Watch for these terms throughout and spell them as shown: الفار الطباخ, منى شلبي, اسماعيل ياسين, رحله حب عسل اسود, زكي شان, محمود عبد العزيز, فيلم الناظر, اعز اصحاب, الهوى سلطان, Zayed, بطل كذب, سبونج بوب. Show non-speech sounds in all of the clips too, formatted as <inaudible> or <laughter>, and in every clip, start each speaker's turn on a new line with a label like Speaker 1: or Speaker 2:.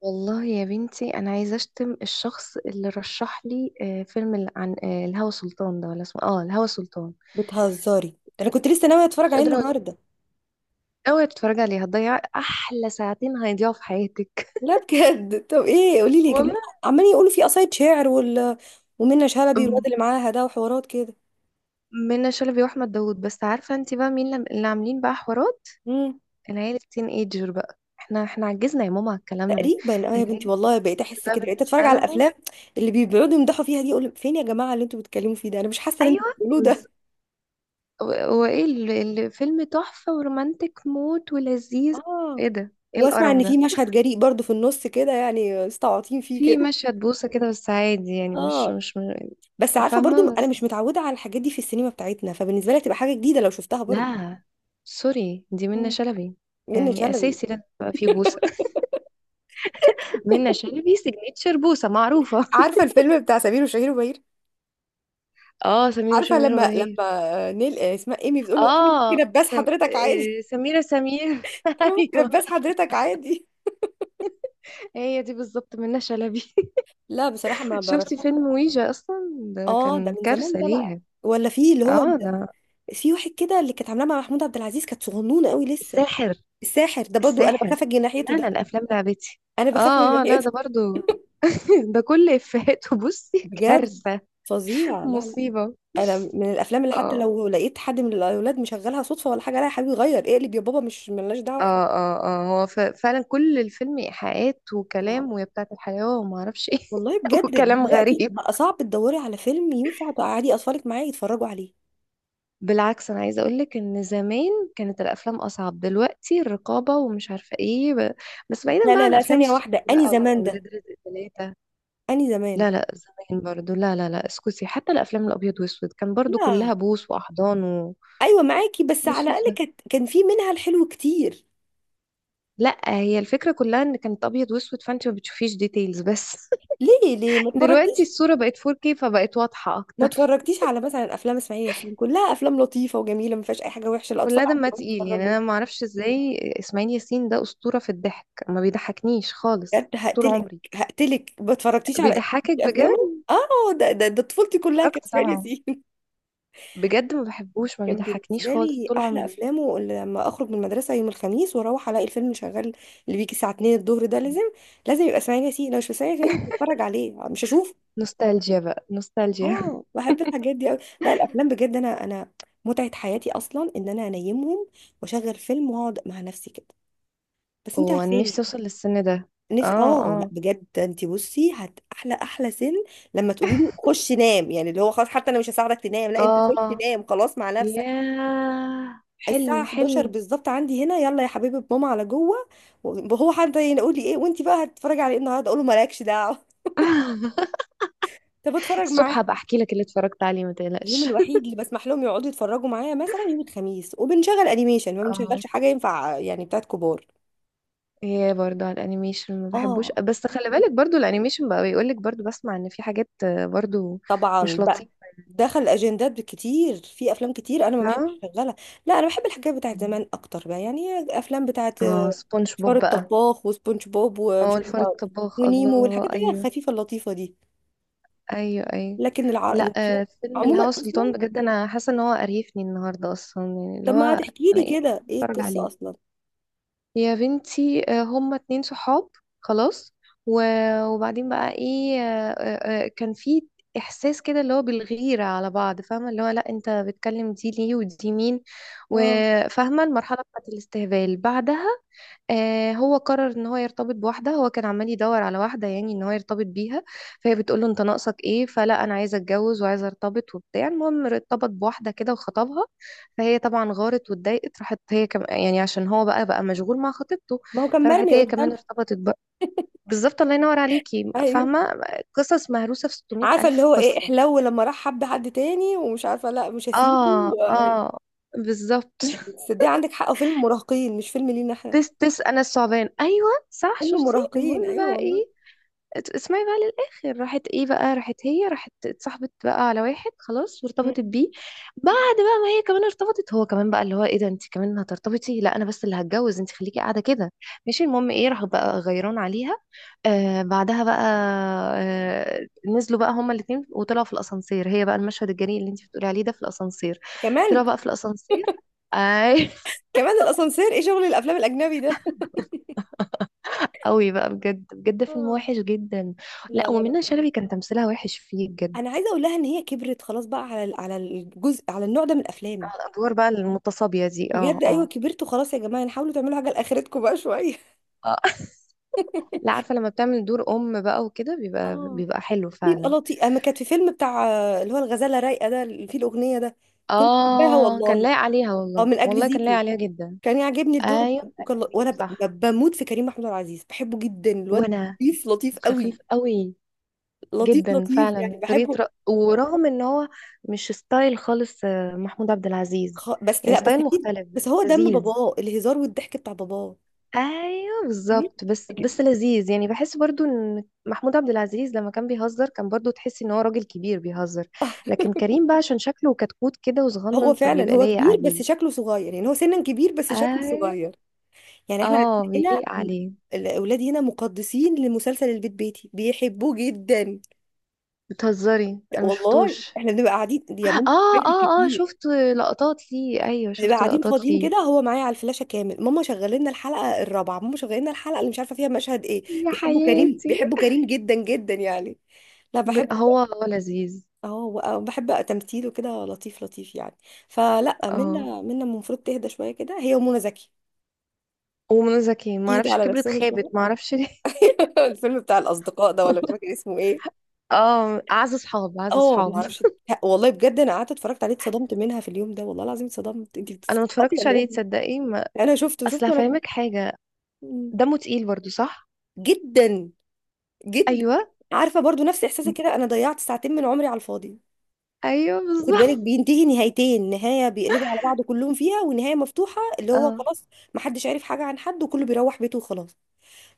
Speaker 1: والله يا بنتي انا عايزه اشتم الشخص اللي رشح لي فيلم عن الهوى سلطان ده، ولا اسمه اه الهوى سلطان.
Speaker 2: بتهزري؟ انا كنت لسه ناويه
Speaker 1: مش
Speaker 2: اتفرج عليه
Speaker 1: قادره اقول.
Speaker 2: النهارده.
Speaker 1: اوعي تتفرجي عليه، هتضيع احلى ساعتين، هيضيعوا في حياتك.
Speaker 2: لا بجد، طب ايه؟ قولي
Speaker 1: <laughs>
Speaker 2: لي كده.
Speaker 1: والله.
Speaker 2: عمالين يقولوا فيه قصايد شعر وال، ومنة شلبي والواد
Speaker 1: أم،
Speaker 2: اللي معاها ده وحوارات كده.
Speaker 1: منى شلبي واحمد داوود. بس عارفه انت بقى مين اللي عاملين بقى حوارات
Speaker 2: امم
Speaker 1: العيله التين ايجر؟ بقى احنا عجزنا يا ماما على الكلام ده.
Speaker 2: تقريبا اه يا بنتي،
Speaker 1: العيله
Speaker 2: والله بقيت
Speaker 1: التين
Speaker 2: احس
Speaker 1: بقى
Speaker 2: كده، بقيت اتفرج
Speaker 1: بالنسبه
Speaker 2: على
Speaker 1: لهم.
Speaker 2: الافلام اللي بيقعدوا يمدحوا فيها دي اقول فين يا جماعه اللي انتوا بتتكلموا فيه ده؟ انا مش حاسه اللي انتوا
Speaker 1: ايوه
Speaker 2: بتقولوه
Speaker 1: بز-
Speaker 2: ده.
Speaker 1: وايه الفيلم؟ تحفه ورومانتك موت ولذيذ؟
Speaker 2: اه،
Speaker 1: ايه ده، ايه
Speaker 2: واسمع
Speaker 1: القرف
Speaker 2: ان في
Speaker 1: ده؟
Speaker 2: مشهد جريء برضو في النص كده، يعني مستعطين فيه
Speaker 1: في
Speaker 2: كده.
Speaker 1: مشهد بوسة كده، بس عادي يعني، مش
Speaker 2: اه
Speaker 1: مش م-
Speaker 2: بس عارفه برضو
Speaker 1: فاهمة،
Speaker 2: انا
Speaker 1: بس
Speaker 2: مش متعوده على الحاجات دي في السينما بتاعتنا، فبالنسبه لي تبقى حاجه جديده لو شفتها برضو.
Speaker 1: لا، سوري، دي منة
Speaker 2: مم.
Speaker 1: شلبي.
Speaker 2: منة
Speaker 1: يعني
Speaker 2: شلبي.
Speaker 1: أساسي لازم يبقى في بوسة. <laughs> منة شلبي سيجنتشر بوسة معروفة.
Speaker 2: عارفه الفيلم بتاع سمير وشهير وبهير؟
Speaker 1: <laughs> اه، سمير
Speaker 2: عارفه
Speaker 1: وشمير
Speaker 2: لما
Speaker 1: وبهير.
Speaker 2: لما نيل اسمها ايمي بتقول له انا ممكن
Speaker 1: اه
Speaker 2: اباس
Speaker 1: سم...
Speaker 2: حضرتك عادي؟
Speaker 1: آه، سميرة سمير.
Speaker 2: <laughs>
Speaker 1: <laughs>
Speaker 2: انا ممكن
Speaker 1: ايوه،
Speaker 2: اباس حضرتك عادي.
Speaker 1: هي دي بالظبط منة شلبي. <laughs>
Speaker 2: لا بصراحه ما برشحش.
Speaker 1: شفتي فيلم ويجا اصلا؟ ده
Speaker 2: اه ده
Speaker 1: كان
Speaker 2: من زمان
Speaker 1: كارثة
Speaker 2: ده بقى.
Speaker 1: ليها.
Speaker 2: ولا في اللي هو،
Speaker 1: اه ده
Speaker 2: في واحد كده اللي كانت عاملاه مع محمود عبد العزيز كانت صغنونه قوي لسه.
Speaker 1: الساحر،
Speaker 2: الساحر ده برضو انا
Speaker 1: الساحر.
Speaker 2: بخاف اجي ناحيته
Speaker 1: لا انا
Speaker 2: ده.
Speaker 1: الافلام لعبتي.
Speaker 2: انا بخاف اجي
Speaker 1: اه اه، لا
Speaker 2: ناحيته.
Speaker 1: ده برضو. <laughs> ده كل افهاته. <laughs>
Speaker 2: <laughs>
Speaker 1: بصي
Speaker 2: بجد
Speaker 1: كارثة،
Speaker 2: فظيع، لا لا.
Speaker 1: مصيبة.
Speaker 2: انا من الافلام اللي حتى
Speaker 1: اه
Speaker 2: لو لقيت حد من الاولاد مشغلها صدفه ولا حاجه، لا يا حبيبي غير اقلب يا بابا، مش ملناش دعوه.
Speaker 1: اه اه اه، هو فعلا كل الفيلم ايحاءات وكلام، ويا بتاعة الحياة، وما اعرفش ايه.
Speaker 2: والله
Speaker 1: <laughs>
Speaker 2: بجد
Speaker 1: وكلام
Speaker 2: دلوقتي
Speaker 1: غريب.
Speaker 2: بقى صعب تدوري على فيلم ينفع تقعدي اطفالك معايا يتفرجوا عليه.
Speaker 1: بالعكس انا عايزه اقول لك ان زمان كانت الافلام اصعب، دلوقتي الرقابه ومش عارفه ايه. بس بعيدا
Speaker 2: لا
Speaker 1: بقى
Speaker 2: لا
Speaker 1: عن
Speaker 2: لا،
Speaker 1: افلام
Speaker 2: ثانية
Speaker 1: السوق
Speaker 2: واحدة، اني
Speaker 1: بقى،
Speaker 2: زمان ده؟
Speaker 1: واولاد رزق ثلاثه.
Speaker 2: اني زمان؟
Speaker 1: لا لا، زمان برضو لا لا لا، اسكتي، حتى الافلام الابيض واسود كان برضو كلها
Speaker 2: لا.
Speaker 1: بوس واحضان.
Speaker 2: ايوه معاكي بس على
Speaker 1: ماشي.
Speaker 2: الاقل كانت كان في منها الحلو كتير.
Speaker 1: لا، هي الفكرة كلها ان كانت ابيض واسود فانت ما بتشوفيش ديتيلز بس.
Speaker 2: ليه ليه ما
Speaker 1: <laughs> دلوقتي
Speaker 2: اتفرجتيش
Speaker 1: الصورة بقت 4K فبقت واضحة
Speaker 2: ما
Speaker 1: اكتر. <laughs>
Speaker 2: اتفرجتيش على مثلا افلام اسماعيل ياسين؟ كلها افلام لطيفه وجميله، ما فيهاش اي حاجه وحشه، الاطفال
Speaker 1: كلها دمها
Speaker 2: عندهم
Speaker 1: تقيل يعني،
Speaker 2: يتفرجوا.
Speaker 1: انا ما اعرفش ازاي اسماعيل ياسين ده اسطورة في الضحك. ما بيضحكنيش خالص
Speaker 2: بجد
Speaker 1: طول
Speaker 2: هقتلك،
Speaker 1: عمري.
Speaker 2: هقتلك، ما اتفرجتيش على
Speaker 1: بيضحكك بجد؟
Speaker 2: افلامه؟ اه ده طفولتي كلها كانت
Speaker 1: اتفرجت
Speaker 2: اسماعيل
Speaker 1: طبعا،
Speaker 2: ياسين.
Speaker 1: بجد ما بحبوش، ما
Speaker 2: كان
Speaker 1: بيضحكنيش
Speaker 2: بالنسبة
Speaker 1: خالص
Speaker 2: لي
Speaker 1: طول
Speaker 2: أحلى
Speaker 1: عمري.
Speaker 2: أفلامه اللي لما أخرج من المدرسة يوم الخميس وأروح ألاقي الفيلم اللي شغال، اللي بيجي الساعة 2 الظهر ده، لازم لازم يبقى اسماعيل ياسين، لو مش اسماعيل ياسين مش
Speaker 1: <laughs>
Speaker 2: بتفرج عليه، مش هشوفه.
Speaker 1: نوستالجيا بقى نوستالجيا. <laughs>
Speaker 2: اه بحب الحاجات دي أوي. لا، الأفلام بجد، أنا متعة حياتي أصلا إن أنا أنيمهم وأشغل فيلم وأقعد مع نفسي كده، بس أنت
Speaker 1: وانا نفسي
Speaker 2: عارفاني.
Speaker 1: اوصل للسن ده.
Speaker 2: نفسي
Speaker 1: اه
Speaker 2: اه، لا
Speaker 1: اه
Speaker 2: بجد أنت بصي، هت أحلى أحلى سن لما تقولي له خش نام، يعني اللي هو خلاص، حتى أنا مش هساعدك تنام، لا أنت خش
Speaker 1: اه،
Speaker 2: نام خلاص مع نفسك.
Speaker 1: ياه
Speaker 2: الساعة
Speaker 1: حلم
Speaker 2: 11
Speaker 1: حلم.
Speaker 2: بالظبط عندي هنا، يلا يا حبيبي ماما على جوه. وهو حد يقول لي ايه وانت بقى هتتفرجي على ايه النهارده؟ اقول له مالكش دعوة.
Speaker 1: <laughs>
Speaker 2: <laughs> طب اتفرج معاه.
Speaker 1: الصبح هبقى احكي لك اللي اتفرجت عليه، ما
Speaker 2: اليوم
Speaker 1: تقلقش.
Speaker 2: الوحيد اللي بسمح لهم يقعدوا يتفرجوا معايا مثلا يوم الخميس، وبنشغل انيميشن، ما
Speaker 1: اه.
Speaker 2: بنشغلش حاجة ينفع يعني بتاعت كبار.
Speaker 1: <laughs> هي برضو على الانيميشن ما بحبوش،
Speaker 2: اه
Speaker 1: بس خلي بالك برضو الانيميشن بقى بيقول لك، برضو بسمع ان في حاجات برضو
Speaker 2: طبعا
Speaker 1: مش
Speaker 2: بقى،
Speaker 1: لطيفة.
Speaker 2: دخل اجندات كتير في افلام كتير انا ما
Speaker 1: ف
Speaker 2: بحبش اشغلها. لا انا بحب الحاجات بتاعت زمان اكتر بقى يعني، افلام بتاعت
Speaker 1: اه، سبونج
Speaker 2: فار
Speaker 1: بوب بقى.
Speaker 2: الطباخ وسبونج بوب
Speaker 1: اه،
Speaker 2: ومش
Speaker 1: الفار
Speaker 2: عارفة،
Speaker 1: الطباخ،
Speaker 2: ونيمو،
Speaker 1: الله،
Speaker 2: والحاجات اللي هي
Speaker 1: ايوه.
Speaker 2: الخفيفة اللطيفة دي.
Speaker 1: ايوه ايوه.
Speaker 2: لكن
Speaker 1: لا.
Speaker 2: الافلام
Speaker 1: فيلم
Speaker 2: عموما
Speaker 1: الهوى سلطان،
Speaker 2: اصلا،
Speaker 1: بجد انا حاسه ان هو قريفني النهارده اصلا، يعني اللي
Speaker 2: طب ما
Speaker 1: هو
Speaker 2: هتحكي
Speaker 1: انا
Speaker 2: لي
Speaker 1: ايه اللي
Speaker 2: كده ايه
Speaker 1: بتفرج
Speaker 2: القصه
Speaker 1: عليه؟
Speaker 2: اصلا.
Speaker 1: يا بنتي، هما اتنين صحاب خلاص، وبعدين بقى ايه، كان في احساس كده اللي هو بالغيرة على بعض، فاهمة؟ اللي هو لا، انت بتكلم دي ليه، ودي مين.
Speaker 2: اه.
Speaker 1: وفاهمة المرحلة بتاعت الاستهبال بعدها. هو قرر ان هو يرتبط بواحده. هو كان عمال يدور على واحده، يعني ان هو يرتبط بيها. فهي بتقول له انت ناقصك ايه؟ فلا، انا عايزه اتجوز وعايزه ارتبط وبتاع. المهم ارتبط بواحده كده وخطبها. فهي طبعا غارت واتضايقت، راحت يعني، عشان هو بقى مشغول مع خطيبته.
Speaker 2: ما هو كان
Speaker 1: فراحت
Speaker 2: مرمي
Speaker 1: هي كمان
Speaker 2: قدامها.
Speaker 1: ارتبطت بقى. بالظبط، الله ينور عليكي،
Speaker 2: ايوه.
Speaker 1: فاهمة؟ قصص مهروسة في 600
Speaker 2: عارفه اللي
Speaker 1: ألف
Speaker 2: هو ايه
Speaker 1: قصة.
Speaker 2: احلو، لما راح حب حد تاني ومش عارفه لا مش هسيبه
Speaker 1: اه
Speaker 2: و-،
Speaker 1: اه، بالظبط. <laughs>
Speaker 2: بس ده عندك حق، فيلم مراهقين مش فيلم لينا احنا.
Speaker 1: تس تس، أنا الثعبان، أيوه صح،
Speaker 2: فيلم
Speaker 1: شفتي؟
Speaker 2: مراهقين
Speaker 1: المهم
Speaker 2: ايوه
Speaker 1: بقى
Speaker 2: والله.
Speaker 1: إيه. اسمعي بقى للآخر، راحت ايه بقى، راحت هي، راحت اتصاحبت بقى على واحد خلاص
Speaker 2: مم.
Speaker 1: وارتبطت بيه. بعد بقى ما هي كمان ارتبطت، هو كمان بقى اللي هو ايه ده، انت كمان هترتبطي؟ لا انا بس اللي هتجوز، انت خليكي قاعدة كده. ماشي، المهم ايه، راحوا بقى غيران عليها. آه بعدها بقى، آه، نزلوا بقى هما الاتنين وطلعوا في الاسانسير. هي بقى المشهد الجريء اللي انت بتقولي عليه ده، في الاسانسير.
Speaker 2: كمان.
Speaker 1: طلعوا بقى في الاسانسير، اي. <laughs>
Speaker 2: كمان الاسانسير، ايه شغل الافلام الاجنبي ده؟
Speaker 1: قوي بقى، بجد بجد فيلم
Speaker 2: آه.
Speaker 1: وحش جدا.
Speaker 2: لا
Speaker 1: لا،
Speaker 2: لا لا
Speaker 1: ومنى
Speaker 2: خلاص.
Speaker 1: شلبي كان تمثيلها وحش فيه بجد.
Speaker 2: انا عايزه اقول لها ان هي كبرت خلاص بقى على ال- على الجزء، على النوع ده من الافلام.
Speaker 1: ادوار بقى المتصابية دي، اه
Speaker 2: بجد ايوه
Speaker 1: اه.
Speaker 2: كبرتوا خلاص يا جماعه، يعني حاولوا تعملوا حاجه لاخرتكم بقى شويه.
Speaker 1: آه. <laughs> لا عارفة، لما بتعمل دور ام بقى وكده، بيبقى
Speaker 2: اه،
Speaker 1: بيبقى حلو
Speaker 2: بيبقى
Speaker 1: فعلا.
Speaker 2: لطيف. اما كانت في فيلم بتاع اللي هو الغزاله رايقه ده، اللي فيه الاغنيه ده، كنت حباها
Speaker 1: اه، كان
Speaker 2: والله.
Speaker 1: لايق عليها
Speaker 2: او
Speaker 1: والله،
Speaker 2: من اجل
Speaker 1: والله كان لايق
Speaker 2: زيكو
Speaker 1: عليها جدا.
Speaker 2: كان يعجبني الدور
Speaker 1: ايوه،
Speaker 2: ده، وكان
Speaker 1: أكل زيكو
Speaker 2: وانا
Speaker 1: صح.
Speaker 2: بموت في كريم محمود عبد العزيز، بحبه جدا الواد.
Speaker 1: وانا،
Speaker 2: لطيف لطيف قوي.
Speaker 1: خفيف قوي،
Speaker 2: لطيف
Speaker 1: جدا
Speaker 2: لطيف يعني
Speaker 1: فعلا طريقة
Speaker 2: بحبه.
Speaker 1: ورغم ان هو مش ستايل خالص، محمود عبد العزيز.
Speaker 2: بس
Speaker 1: يعني
Speaker 2: لا، بس
Speaker 1: ستايل
Speaker 2: اكيد
Speaker 1: مختلف،
Speaker 2: بس هو دم
Speaker 1: لذيذ.
Speaker 2: باباه، الهزار والضحك بتاع باباه
Speaker 1: ايوه
Speaker 2: يعني.
Speaker 1: بالظبط، بس لذيذ، يعني بحس برضو ان محمود عبد العزيز لما كان بيهزر كان برضو تحس ان هو راجل كبير بيهزر. لكن
Speaker 2: <laughs>
Speaker 1: كريم بقى، عشان شكله كتكوت كده
Speaker 2: هو
Speaker 1: وصغنن،
Speaker 2: فعلا
Speaker 1: فبيبقى
Speaker 2: هو
Speaker 1: لايق
Speaker 2: كبير بس
Speaker 1: عليه.
Speaker 2: شكله صغير، يعني هو سنا كبير بس شكله
Speaker 1: ايوه،
Speaker 2: صغير يعني. احنا عندنا
Speaker 1: اه
Speaker 2: هنا
Speaker 1: بيليق
Speaker 2: م-،
Speaker 1: عليه.
Speaker 2: الاولاد هنا مقدسين لمسلسل البيت بيتي، بيحبوه جدا.
Speaker 1: بتهزري؟
Speaker 2: لا
Speaker 1: انا
Speaker 2: والله،
Speaker 1: مشفتوش.
Speaker 2: احنا بنبقى قاعدين دي يا بنتي
Speaker 1: اه
Speaker 2: فايتك
Speaker 1: اه اه،
Speaker 2: كتير.
Speaker 1: شفت لقطات ليه، ايوه
Speaker 2: بنبقى
Speaker 1: شفت
Speaker 2: قاعدين
Speaker 1: لقطات
Speaker 2: فاضيين
Speaker 1: ليه.
Speaker 2: كده هو معايا على الفلاشه كامل، ماما شغلنا لنا الحلقه الرابعه، ماما شغلنا لنا الحلقه اللي مش عارفه فيها مشهد ايه.
Speaker 1: يا
Speaker 2: بيحبوا كريم،
Speaker 1: حياتي.
Speaker 2: بيحبوا كريم جدا جدا يعني. لا بحبه.
Speaker 1: هو لذيذ.
Speaker 2: اه بحب تمثيله كده، لطيف لطيف يعني. فلا
Speaker 1: اه،
Speaker 2: منا المفروض تهدى شويه كده هي ومنى زكي.
Speaker 1: ومنى زكي ما
Speaker 2: يهدى
Speaker 1: اعرفش
Speaker 2: على
Speaker 1: كبرت،
Speaker 2: نفسهم
Speaker 1: خابت
Speaker 2: شويه.
Speaker 1: ما اعرفش ليه.
Speaker 2: <laughs> الفيلم بتاع الاصدقاء ده، ولا مش
Speaker 1: <laughs>
Speaker 2: فاكر اسمه ايه.
Speaker 1: اه، اعز اصحاب، اعز
Speaker 2: اه ما
Speaker 1: اصحاب.
Speaker 2: اعرفش. والله بجد انا قعدت اتفرجت عليه اتصدمت منها في اليوم ده، والله العظيم اتصدمت، انت
Speaker 1: انا ما
Speaker 2: بتستعبطي
Speaker 1: اتفرجتش
Speaker 2: ولا
Speaker 1: عليه،
Speaker 2: ايه؟
Speaker 1: تصدقي ما...
Speaker 2: انا شفته
Speaker 1: اصل
Speaker 2: شفته انا.
Speaker 1: هفهمك حاجه.
Speaker 2: مم.
Speaker 1: دمه تقيل برضو، صح؟
Speaker 2: جدا، جدا.
Speaker 1: ايوه
Speaker 2: عارفه برضو نفس احساسي كده، انا ضيعت ساعتين من عمري على الفاضي.
Speaker 1: ايوه،
Speaker 2: خد بالك
Speaker 1: بالظبط.
Speaker 2: بينتهي نهايتين، نهايه بيقلبوا على بعض كلهم فيها، ونهايه مفتوحه اللي
Speaker 1: <laughs>
Speaker 2: هو
Speaker 1: اه
Speaker 2: خلاص محدش عارف حاجه عن حد، وكله بيروح بيته وخلاص.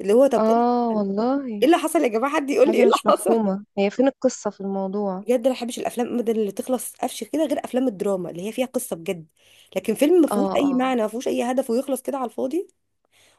Speaker 2: اللي هو طب ايه إيه
Speaker 1: اه، والله.
Speaker 2: اللي حصل يا جماعه؟ حد يقول لي ايه
Speaker 1: حاجه
Speaker 2: اللي
Speaker 1: مش
Speaker 2: حصل؟
Speaker 1: مفهومه، هي فين القصه في الموضوع؟
Speaker 2: بجد انا ما بحبش الافلام ابدا اللي تخلص قفش كده، غير افلام الدراما اللي هي فيها قصه بجد. لكن فيلم ما
Speaker 1: اه
Speaker 2: فيهوش اي
Speaker 1: اه
Speaker 2: معنى، ما فيهوش اي هدف، ويخلص كده على الفاضي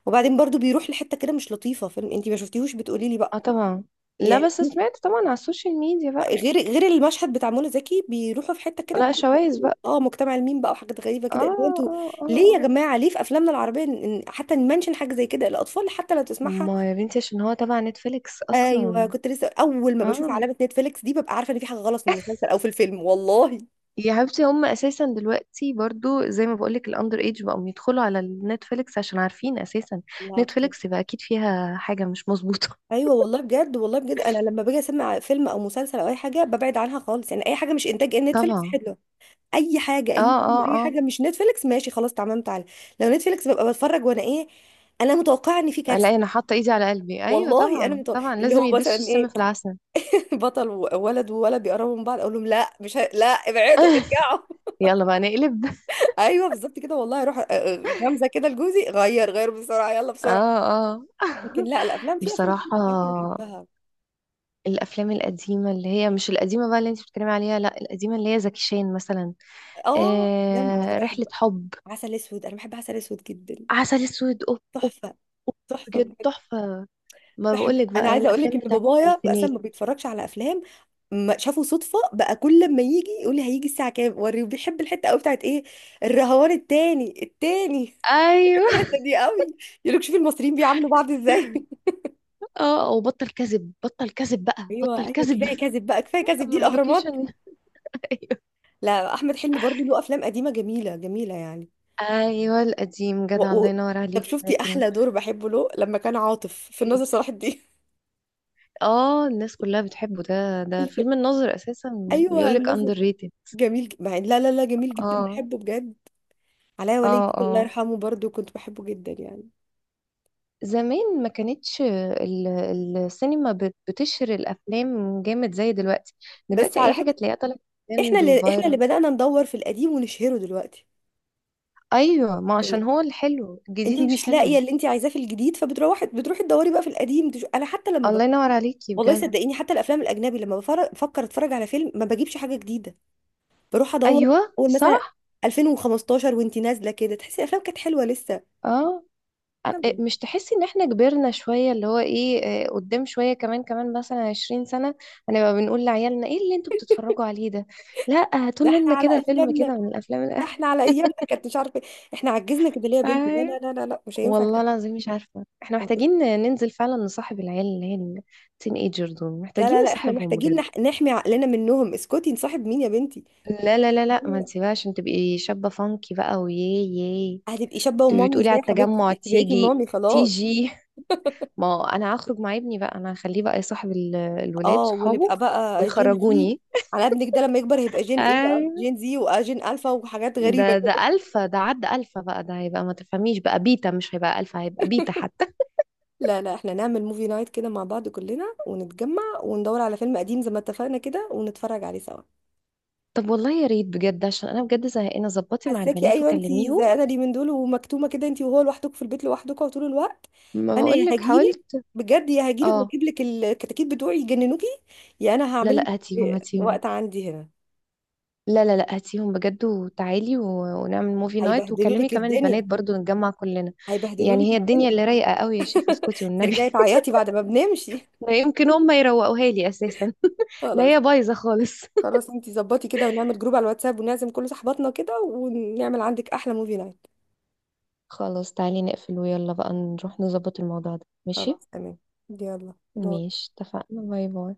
Speaker 2: وبعدين برضو بيروح لحته كده مش لطيفه. فيلم انت ما شفتيهوش بتقولي لي بقى
Speaker 1: اه، طبعا. لا
Speaker 2: يعني؟
Speaker 1: بس سمعت طبعا على السوشيال ميديا بقى.
Speaker 2: غير المشهد بتاع منى زكي، بيروحوا في حته كده
Speaker 1: لا،
Speaker 2: بتاعت
Speaker 1: شوايز بقى.
Speaker 2: اه مجتمع الميم بقى، وحاجات غريبه
Speaker 1: اه
Speaker 2: كده اللي هو انتوا
Speaker 1: اه اه،
Speaker 2: ليه يا
Speaker 1: آه.
Speaker 2: جماعه؟ ليه في افلامنا العربيه حتى نمنشن حاجه زي كده؟ الاطفال حتى لو تسمعها.
Speaker 1: ما يا بنتي، عشان هو تبع نتفليكس
Speaker 2: ايوه
Speaker 1: اصلا.
Speaker 2: كنت لسه اول ما بشوف
Speaker 1: اه،
Speaker 2: علامه نتفليكس دي ببقى عارفه ان في حاجه غلط في المسلسل او في الفيلم والله.
Speaker 1: يا حبيبتي، هم اساسا دلوقتي برضو زي ما بقولك، الاندر ايج بقوا يدخلوا على النتفليكس عشان عارفين اساسا
Speaker 2: لا بجد.
Speaker 1: نتفليكس يبقى اكيد فيها حاجه مش مظبوطه.
Speaker 2: ايوه والله بجد، والله بجد انا لما باجي اسمع فيلم او مسلسل او اي حاجه ببعد عنها خالص، يعني اي حاجه مش انتاج
Speaker 1: <laughs>
Speaker 2: نتفليكس
Speaker 1: طبعا.
Speaker 2: حلوه. اي حاجه، اي
Speaker 1: اه
Speaker 2: فيلم، اي
Speaker 1: اه
Speaker 2: حاجه مش نتفليكس، ماشي خلاص تمام تعالى. لو نتفليكس ببقى بتفرج وانا ايه، انا متوقعه ان في
Speaker 1: اه، لا
Speaker 2: كارثه.
Speaker 1: انا حاطه ايدي على قلبي، ايوه
Speaker 2: والله انا
Speaker 1: طبعا،
Speaker 2: متو...،
Speaker 1: طبعا
Speaker 2: اللي
Speaker 1: لازم
Speaker 2: هو
Speaker 1: يدسوا
Speaker 2: مثلا
Speaker 1: السم
Speaker 2: ايه،
Speaker 1: في العسل.
Speaker 2: <laughs> بطل وولد وولد بيقربوا من بعض اقول لهم لا مش لا ابعدوا
Speaker 1: <laughs>
Speaker 2: ارجعوا. <laughs>
Speaker 1: يلا بقى نقلب.
Speaker 2: ايوه بالظبط كده والله، اروح غمزه كده لجوزي، غير بسرعه يلا بسرعه.
Speaker 1: اه اه،
Speaker 2: لكن لا الافلام في افلام
Speaker 1: بصراحه
Speaker 2: كتير بصراحه انا بحبها.
Speaker 1: الافلام القديمه، اللي هي مش القديمه بقى اللي انت بتتكلمي عليها، لا القديمه اللي هي زكي شان مثلا،
Speaker 2: اه افلام انا
Speaker 1: رحله
Speaker 2: بحب
Speaker 1: حب،
Speaker 2: عسل اسود، انا بحب عسل اسود جدا.
Speaker 1: عسل اسود، اوب اوب،
Speaker 2: تحفه.
Speaker 1: أوب،
Speaker 2: تحفه
Speaker 1: بجد
Speaker 2: بحب.
Speaker 1: تحفه. ما
Speaker 2: بحب.
Speaker 1: بقولك
Speaker 2: انا
Speaker 1: بقى، هي
Speaker 2: عايزه اقول لك
Speaker 1: الافلام
Speaker 2: ان
Speaker 1: بتاعت
Speaker 2: بابايا
Speaker 1: الالفينات.
Speaker 2: اصلا ما بيتفرجش على افلام، ما شافه صدفه بقى كل ما يجي يقول لي هيجي الساعه كام وريه، بيحب الحته قوي بتاعت ايه، الرهوان التاني التاني.
Speaker 1: ايوه.
Speaker 2: الحتة دي قوي. يقول لك شوفي المصريين بيعاملوا بعض ازاي. <laughs>
Speaker 1: <laughs> اه، وبطل كذب، بطل كذب بقى،
Speaker 2: ايوه
Speaker 1: بطل
Speaker 2: ايوه
Speaker 1: كذب.
Speaker 2: كفايه كذب بقى كفايه
Speaker 1: <laughs>
Speaker 2: كذب،
Speaker 1: اما
Speaker 2: دي الاهرامات.
Speaker 1: اللوكيشن. <laughs> ايوه
Speaker 2: لا، احمد حلمي برضو له افلام قديمه جميله جميله يعني،
Speaker 1: ايوه، القديم
Speaker 2: و...
Speaker 1: جدع، الله
Speaker 2: و...
Speaker 1: ينور
Speaker 2: طب
Speaker 1: عليكي،
Speaker 2: شفتي
Speaker 1: لكن
Speaker 2: احلى دور بحبه له لما كان عاطف في
Speaker 1: ايه.
Speaker 2: الناظر صلاح الدين؟
Speaker 1: اه، الناس كلها بتحبه، ده
Speaker 2: <laughs>
Speaker 1: ده
Speaker 2: الف-
Speaker 1: فيلم الناظر اساسا.
Speaker 2: ايوه
Speaker 1: بيقولك اندر
Speaker 2: الناظر.
Speaker 1: ريتد.
Speaker 2: جميل لا لا لا، جميل جدا
Speaker 1: اه
Speaker 2: بحبه بجد. علاء ولي
Speaker 1: اه
Speaker 2: الدين الله
Speaker 1: اه،
Speaker 2: يرحمه برضو كنت بحبه جدا يعني.
Speaker 1: زمان ما كانتش السينما بتشهر الافلام جامد زي دلوقتي.
Speaker 2: بس
Speaker 1: دلوقتي اي
Speaker 2: على
Speaker 1: حاجه
Speaker 2: فكره،
Speaker 1: تلاقيها طالعه،
Speaker 2: احنا
Speaker 1: ترند
Speaker 2: اللي احنا اللي
Speaker 1: وفايرال.
Speaker 2: بدأنا ندور في القديم ونشهره دلوقتي
Speaker 1: ايوه، ما عشان
Speaker 2: يعني.
Speaker 1: هو الحلو الجديد
Speaker 2: انت
Speaker 1: مش
Speaker 2: مش لاقيه
Speaker 1: حلو.
Speaker 2: اللي انت عايزاه في الجديد فبتروحي، بتروحي تدوري بقى في القديم انا حتى لما،
Speaker 1: الله ينور عليكي
Speaker 2: والله
Speaker 1: بجد.
Speaker 2: صدقيني حتى الافلام الاجنبي لما بفكر اتفرج على فيلم ما بجيبش حاجه جديده، بروح ادور
Speaker 1: ايوه
Speaker 2: اول مثلا
Speaker 1: صح.
Speaker 2: 2015 وانت نازله كده، تحسي الافلام كانت حلوه لسه.
Speaker 1: اه،
Speaker 2: يلا،
Speaker 1: مش تحسي ان احنا كبرنا شوية، اللي هو ايه، قدام شوية كمان مثلا 20 سنة، هنبقى بنقول لعيالنا ايه اللي انتوا بتتفرجوا عليه ده؟ لا هاتوا
Speaker 2: ده احنا
Speaker 1: لنا
Speaker 2: على
Speaker 1: كده فيلم
Speaker 2: ايامنا،
Speaker 1: كده من الافلام
Speaker 2: ده
Speaker 1: الأ-
Speaker 2: احنا على ايامنا كانت مش عارفه إيه. احنا عجزنا كده ليه يا
Speaker 1: <laughs>
Speaker 2: بنتي؟ لا
Speaker 1: ايوه،
Speaker 2: لا لا لا لا مش هينفع
Speaker 1: والله
Speaker 2: كده.
Speaker 1: العظيم مش عارفة، احنا
Speaker 2: مش-
Speaker 1: محتاجين ننزل فعلا نصاحب العيال، اللي هي التين ايجر دول،
Speaker 2: لا
Speaker 1: محتاجين
Speaker 2: لا لا احنا
Speaker 1: نصاحبهم
Speaker 2: محتاجين
Speaker 1: بجد.
Speaker 2: نح... نحمي عقلنا منهم، اسكتي نصاحب مين يا بنتي.
Speaker 1: لا لا لا
Speaker 2: لا،
Speaker 1: لا، ما
Speaker 2: لا،
Speaker 1: تسيبهاش عشان تبقي شابة فانكي بقى، وياه ياه.
Speaker 2: لا. هتبقي شابه
Speaker 1: تبقي
Speaker 2: ومامي
Speaker 1: بتقولي
Speaker 2: ازاي
Speaker 1: على
Speaker 2: يا حبيبتي؟
Speaker 1: التجمع
Speaker 2: انت بقيتي
Speaker 1: تيجي،
Speaker 2: مامي خلاص.
Speaker 1: تيجي. ما انا هخرج مع ابني بقى، انا هخليه بقى يصاحب الولاد
Speaker 2: اه
Speaker 1: صحابه
Speaker 2: ونبقى بقى جين زي،
Speaker 1: ويخرجوني.
Speaker 2: على ابنك ده لما يكبر هيبقى جين ايه بقى،
Speaker 1: اي،
Speaker 2: جين زي وجين الفا وحاجات غريبه.
Speaker 1: ده الفا، ده عدى الفا بقى، ده هيبقى، ما تفهميش بقى، بيتا، مش هيبقى الفا، هيبقى بيتا حتى.
Speaker 2: لا لا، احنا نعمل موفي نايت كده مع بعض كلنا ونتجمع وندور على فيلم قديم زي ما اتفقنا كده ونتفرج عليه سوا.
Speaker 1: طب والله يا ريت بجد، عشان انا بجد زهقانه، ظبطي مع
Speaker 2: حساكي
Speaker 1: البنات
Speaker 2: ايوه انتي
Speaker 1: وكلميهم.
Speaker 2: زهقانه لي من دول ومكتومه كده انتي وهو لوحدك في البيت لوحدكوا طول الوقت.
Speaker 1: ما
Speaker 2: انا يا
Speaker 1: بقولك
Speaker 2: هجيلك،
Speaker 1: حاولت.
Speaker 2: بجد يا هجيلك
Speaker 1: اه،
Speaker 2: واجيب لك الكتاكيت بتوعي يجننوكي. يا انا
Speaker 1: لا
Speaker 2: هعمل
Speaker 1: لا، هاتيهم
Speaker 2: لك
Speaker 1: هاتيهم.
Speaker 2: وقت عندي هنا.
Speaker 1: لا لا لا، هاتيهم بجد وتعالي، ونعمل موفي نايت،
Speaker 2: هيبهدلوا
Speaker 1: وكلمي
Speaker 2: لك
Speaker 1: كمان
Speaker 2: الدنيا،
Speaker 1: البنات برضو، نتجمع كلنا.
Speaker 2: هيبهدلوا
Speaker 1: يعني
Speaker 2: لك
Speaker 1: هي الدنيا
Speaker 2: الدنيا،
Speaker 1: اللي رايقه قوي يا شيخه، اسكتي والنبي.
Speaker 2: ترجعي تعيطي بعد ما بنمشي.
Speaker 1: لا يمكن هم يروقوها لي اساسا. <laughs> لا
Speaker 2: خلاص،
Speaker 1: هي بايظه خالص.
Speaker 2: خلاص انتي ظبطي كده ونعمل جروب على الواتساب ونعزم كل صحباتنا كده ونعمل عندك احلى موفي نايت.
Speaker 1: خلاص تعالي نقفل، ويلا بقى نروح نظبط الموضوع ده، ماشي؟
Speaker 2: خلاص تمام. يلا باي.
Speaker 1: ماشي، اتفقنا. باي باي.